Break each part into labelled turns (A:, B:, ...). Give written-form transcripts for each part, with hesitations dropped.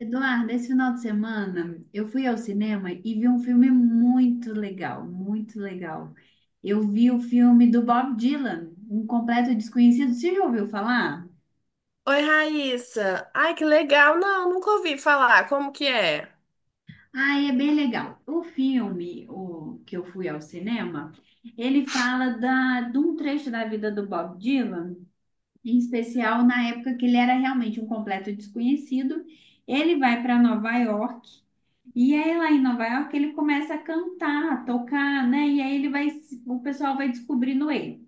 A: Eduardo, esse final de semana eu fui ao cinema e vi um filme muito legal, muito legal. Eu vi o filme do Bob Dylan, Um Completo Desconhecido. Você já ouviu falar?
B: Oi, Raíssa. Ai, que legal. Não, nunca ouvi falar. Como que é?
A: Ah, é bem legal. O filme, o que eu fui ao cinema, ele fala de um trecho da vida do Bob Dylan, em especial na época que ele era realmente um completo desconhecido. Ele vai para Nova York. E aí lá em Nova York ele começa a cantar, a tocar, né? E aí ele vai, se- o pessoal vai descobrindo ele.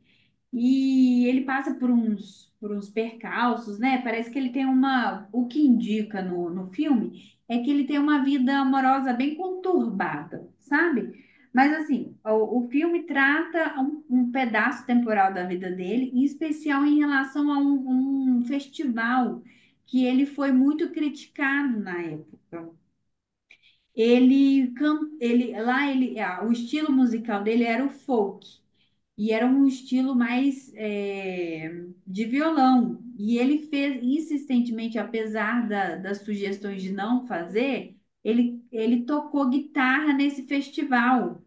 A: E ele passa por uns percalços, né? Parece que o que indica no filme é que ele tem uma vida amorosa bem conturbada, sabe? Mas assim, o filme trata um pedaço temporal da vida dele, em especial em relação a um festival que ele foi muito criticado na época. Ele, can- ele lá ele, ah, O estilo musical dele era o folk e era um estilo mais de violão. E ele fez insistentemente, apesar das sugestões de não fazer, ele tocou guitarra nesse festival.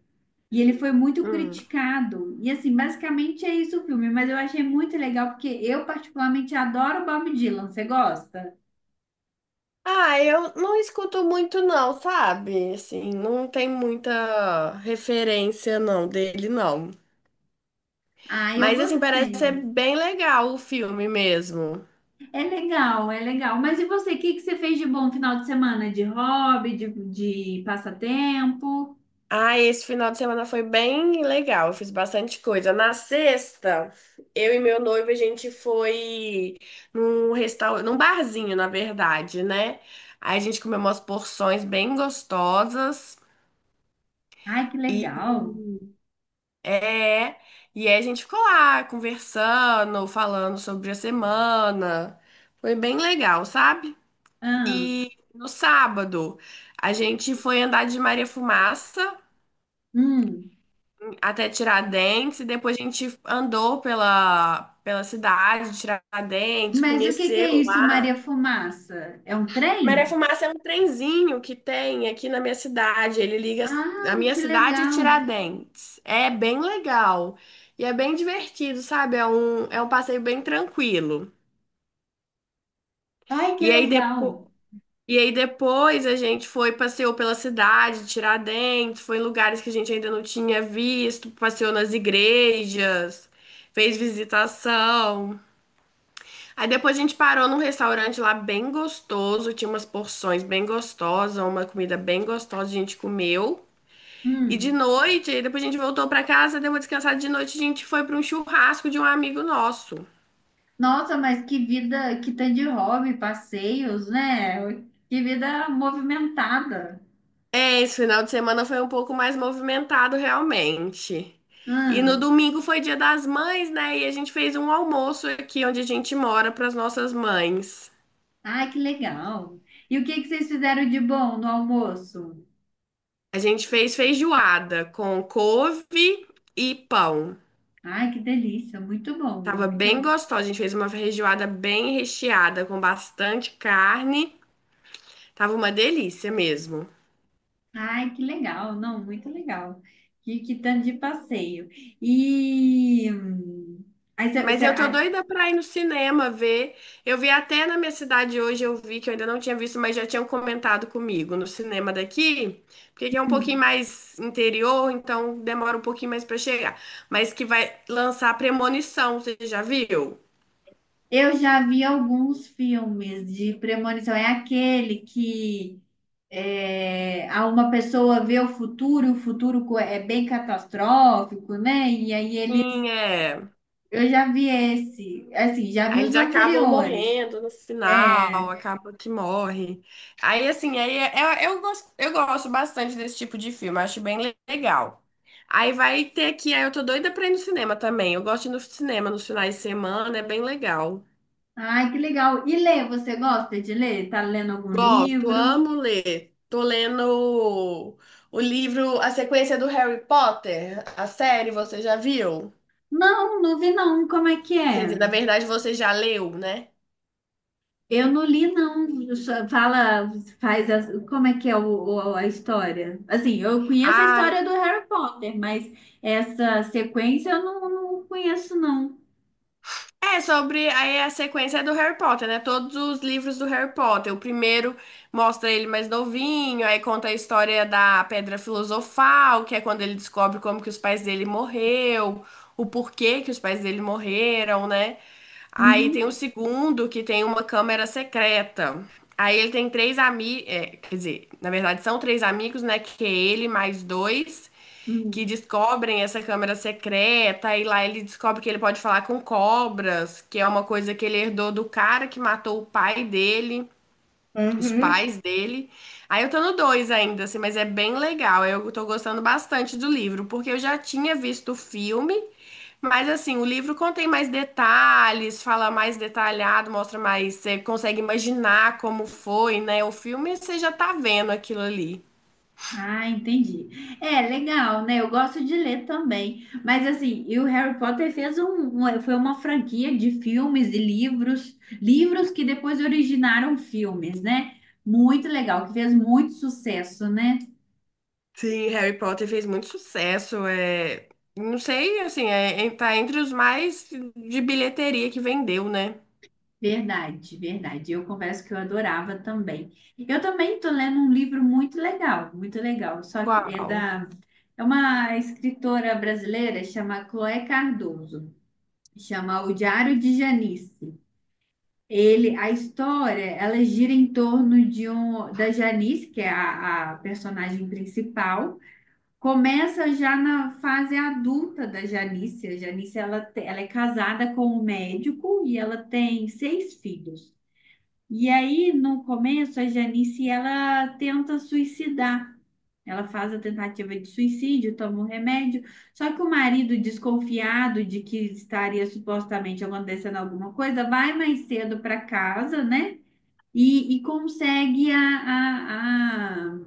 A: E ele foi muito
B: Hum.
A: criticado. E assim, basicamente é isso o filme, mas eu achei muito legal porque eu particularmente adoro Bob Dylan. Você gosta?
B: Ah, eu não escuto muito não, sabe? Assim, não tem muita referência não dele não.
A: Ah, eu
B: Mas assim, parece ser
A: gostei.
B: bem legal o filme mesmo.
A: É legal, é legal. Mas e você, o que que você fez de bom final de semana? De hobby, de passatempo?
B: Ah, esse final de semana foi bem legal, eu fiz bastante coisa. Na sexta, eu e meu noivo, a gente foi num restaurante, num barzinho, na verdade, né? Aí a gente comeu umas porções bem gostosas
A: Ai, que
B: e
A: legal.
B: é, e aí a gente ficou lá conversando, falando sobre a semana. Foi bem legal, sabe?
A: Ah,
B: E no sábado, a gente foi andar de Maria Fumaça
A: hum.
B: até Tiradentes, e depois a gente andou pela cidade de Tiradentes,
A: Mas o que que é
B: conheceu
A: isso, Maria
B: lá.
A: Fumaça? É um
B: Maré
A: trem?
B: Fumaça é um trenzinho que tem aqui na minha cidade. Ele liga. A
A: Ah,
B: minha
A: que
B: cidade é
A: legal.
B: Tiradentes. É bem legal. E é bem divertido, sabe? É um passeio bem tranquilo.
A: Ai, que
B: E aí
A: legal.
B: depois. E aí depois a gente foi, passeou pela cidade, Tiradentes, foi em lugares que a gente ainda não tinha visto, passeou nas igrejas, fez visitação. Aí depois a gente parou num restaurante lá bem gostoso, tinha umas porções bem gostosas, uma comida bem gostosa, a gente comeu. E de
A: Hum.
B: noite, aí depois a gente voltou pra casa, deu uma descansada de noite, a gente foi pra um churrasco de um amigo nosso.
A: Nossa, mas que vida, que tanto de hobby, passeios, né? Que vida movimentada.
B: É, esse final de semana foi um pouco mais movimentado realmente. E no
A: Hum.
B: domingo foi Dia das Mães, né? E a gente fez um almoço aqui onde a gente mora para as nossas mães.
A: Ai, que legal. E o que que vocês fizeram de bom no almoço?
B: A gente fez feijoada com couve e pão.
A: Ai, que delícia, muito bom,
B: Tava
A: muito
B: bem
A: bom.
B: gostosa. A gente fez uma feijoada bem recheada com bastante carne. Tava uma delícia mesmo.
A: Ai, que legal, não, muito legal. Que tanto de passeio. E aí, cê-
B: Mas
A: cê-
B: eu tô
A: ah,
B: doida pra ir no cinema ver. Eu vi até na minha cidade hoje, eu vi que eu ainda não tinha visto, mas já tinham comentado comigo no cinema daqui, porque aqui é um pouquinho mais interior, então demora um pouquinho mais pra chegar. Mas que vai lançar Premonição, você já viu?
A: Eu já vi alguns filmes de premonição. É aquele que a uma pessoa vê o futuro, é bem catastrófico, né?
B: Sim, é.
A: Eu já vi esse, assim, já vi
B: Aí
A: os
B: eles acabam
A: anteriores.
B: morrendo no final,
A: É.
B: acaba que morre. Aí, assim, aí é- é- eu gosto bastante desse tipo de filme, acho bem legal. Aí vai ter aqui, aí eu tô doida pra ir no cinema também. Eu gosto de ir no cinema nos finais de semana, é bem legal.
A: Ai, que legal. E ler, você gosta de ler? Tá lendo algum
B: Gosto,
A: livro?
B: amo ler. Tô lendo o livro, a sequência do Harry Potter, a série, você já viu?
A: Não, não vi não. Como é que
B: Quer
A: é?
B: dizer, na verdade você já leu, né?
A: Eu não li não. Só fala, faz as... como é que é o- a história? Assim, eu conheço a
B: Ah,
A: história do Harry Potter, mas essa sequência eu não, não conheço não.
B: é sobre, aí a sequência é do Harry Potter, né? Todos os livros do Harry Potter. O primeiro mostra ele mais novinho, aí conta a história da Pedra Filosofal, que é quando ele descobre como que os pais dele morreu, o porquê que os pais dele morreram, né? Aí tem o
A: Uhum.
B: segundo, que tem uma câmera secreta. Aí ele tem três amigos, quer dizer, na verdade são três amigos, né? Que é ele mais dois
A: Hum.
B: que descobrem essa câmera secreta e lá ele descobre que ele pode falar com cobras, que é uma coisa que ele herdou do cara que matou o pai dele, os pais dele. Aí eu tô no 2 ainda, assim, mas é bem legal. Eu tô gostando bastante do livro, porque eu já tinha visto o filme, mas assim, o livro contém mais detalhes, fala mais detalhado, mostra mais, você consegue imaginar como foi, né? O filme você já tá vendo aquilo ali.
A: Ah, entendi. É, legal, né? Eu gosto de ler também. Mas assim, e o Harry Potter fez foi uma franquia de filmes e livros, livros que depois originaram filmes, né? Muito legal, que fez muito sucesso, né?
B: Sim, Harry Potter fez muito sucesso. Não sei, assim, tá entre os mais de bilheteria que vendeu, né?
A: Verdade, verdade. Eu confesso que eu adorava também. Eu também tô lendo um livro muito legal, muito legal. Só que é
B: Qual?
A: da É uma escritora brasileira, chama Chloé Cardoso. Chama O Diário de Janice. Ele, a história, ela gira em torno da Janice, que é a personagem principal. Começa já na fase adulta da Janice. A Janice, ela é casada com um médico e ela tem seis filhos. E aí, no começo, a Janice, ela tenta suicidar. Ela faz a tentativa de suicídio, toma um remédio. Só que o marido, desconfiado de que estaria supostamente acontecendo alguma coisa, vai mais cedo para casa, né? E consegue a, a,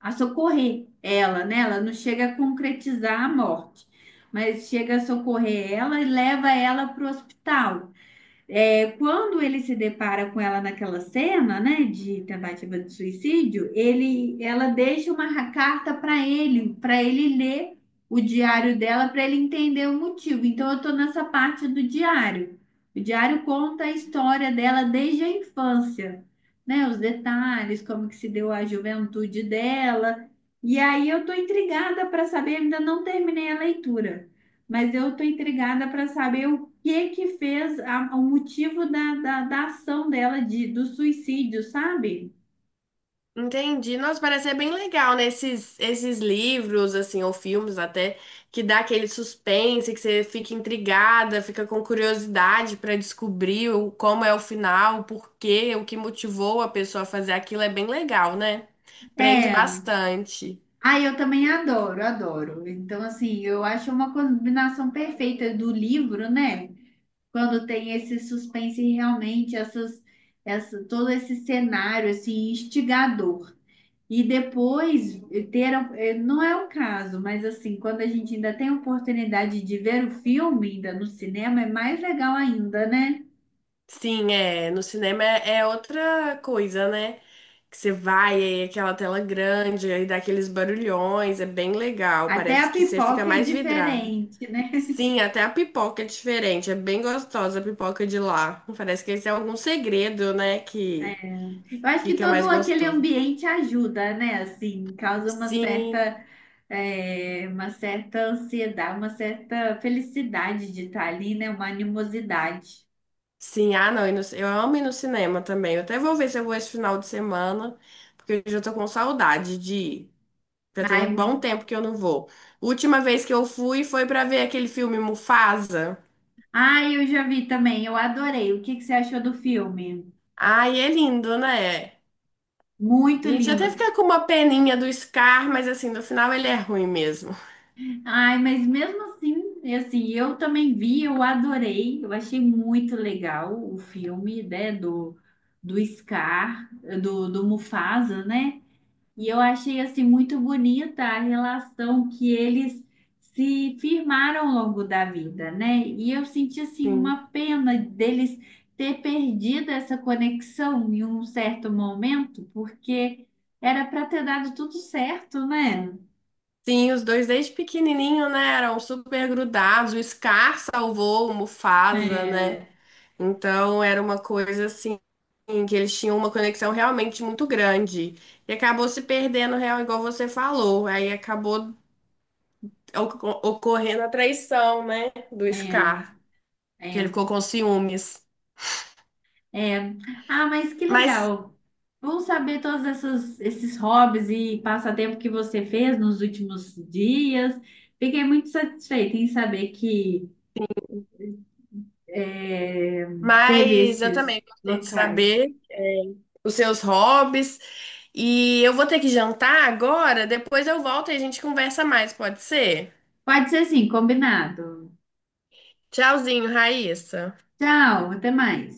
A: a, a socorrer ela, né? Ela não chega a concretizar a morte, mas chega a socorrer ela e leva ela para o hospital. É, quando ele se depara com ela naquela cena, né, de tentativa de suicídio, ela deixa uma carta para ele ler o diário dela, para ele entender o motivo. Então, eu estou nessa parte do diário. O diário conta a história dela desde a infância, né, os detalhes, como que se deu a juventude dela. E aí eu estou intrigada para saber, ainda não terminei a leitura, mas eu estou intrigada para saber o que que o motivo da ação dela do suicídio, sabe?
B: Entendi. Nossa, parece ser bem legal, né? Esses livros, assim, ou filmes até, que dá aquele suspense, que você fica intrigada, fica com curiosidade pra descobrir como é o final, o porquê, o que motivou a pessoa a fazer aquilo. É bem legal, né? Prende
A: É.
B: bastante.
A: Ah, eu também adoro, adoro. Então, assim, eu acho uma combinação perfeita do livro, né? Quando tem esse suspense e realmente, todo esse cenário, assim, instigador. E depois não é o caso, mas assim, quando a gente ainda tem a oportunidade de ver o filme ainda no cinema, é mais legal ainda, né?
B: Sim, é. No cinema é outra coisa, né? Que você vai, aí aquela tela grande, aí dá aqueles barulhões, é bem legal.
A: Até a
B: Parece que você fica
A: pipoca é
B: mais vidrado.
A: diferente, né?
B: Sim, até a pipoca é diferente, é bem gostosa a pipoca de lá. Parece que esse é algum segredo, né? Que
A: Eu acho que
B: fica mais
A: todo aquele
B: gostosa.
A: ambiente ajuda, né? Assim, causa uma
B: Sim,
A: certa, uma certa ansiedade, uma certa felicidade de estar ali, né? Uma animosidade.
B: sim, ah não, eu amo ir no cinema também. Eu até vou ver se eu vou esse final de semana, porque eu já tô com saudade de ir. Já tem
A: Ai,
B: um
A: muito...
B: bom tempo que eu não vou. Última vez que eu fui foi pra ver aquele filme Mufasa.
A: Ai, eu já vi também, eu adorei. O que que você achou do filme?
B: Ai, é lindo, né? A
A: Muito
B: gente
A: lindo.
B: até fica com uma peninha do Scar, mas assim, no final ele é ruim mesmo.
A: Ai, mas mesmo assim, e assim, eu também vi, eu adorei, eu achei muito legal o filme, né, do Scar, do Mufasa, né? E eu achei, assim, muito bonita a relação que eles se firmaram ao longo da vida, né? E eu senti, assim,
B: Sim.
A: uma pena deles ter perdido essa conexão em um certo momento, porque era para ter dado tudo certo, né?
B: Sim, os dois desde pequenininho, né? Eram super grudados. O Scar salvou o Mufasa,
A: É,
B: né? Então era uma coisa assim, que eles tinham uma conexão realmente muito grande. E acabou se perdendo, real, igual você falou. Aí acabou ocorrendo a traição, né, do
A: é.
B: Scar, que
A: É.
B: ele ficou com ciúmes.
A: É. Ah, mas que
B: Mas,
A: legal. Bom saber esses hobbies e passatempo que você fez nos últimos dias. Fiquei muito satisfeita em saber que é, teve
B: mas eu
A: esses
B: também gostei de
A: locais.
B: saber os seus hobbies e eu vou ter que jantar agora, depois eu volto e a gente conversa mais, pode ser?
A: Pode ser assim, combinado.
B: Tchauzinho, Raíssa.
A: Tchau, até mais.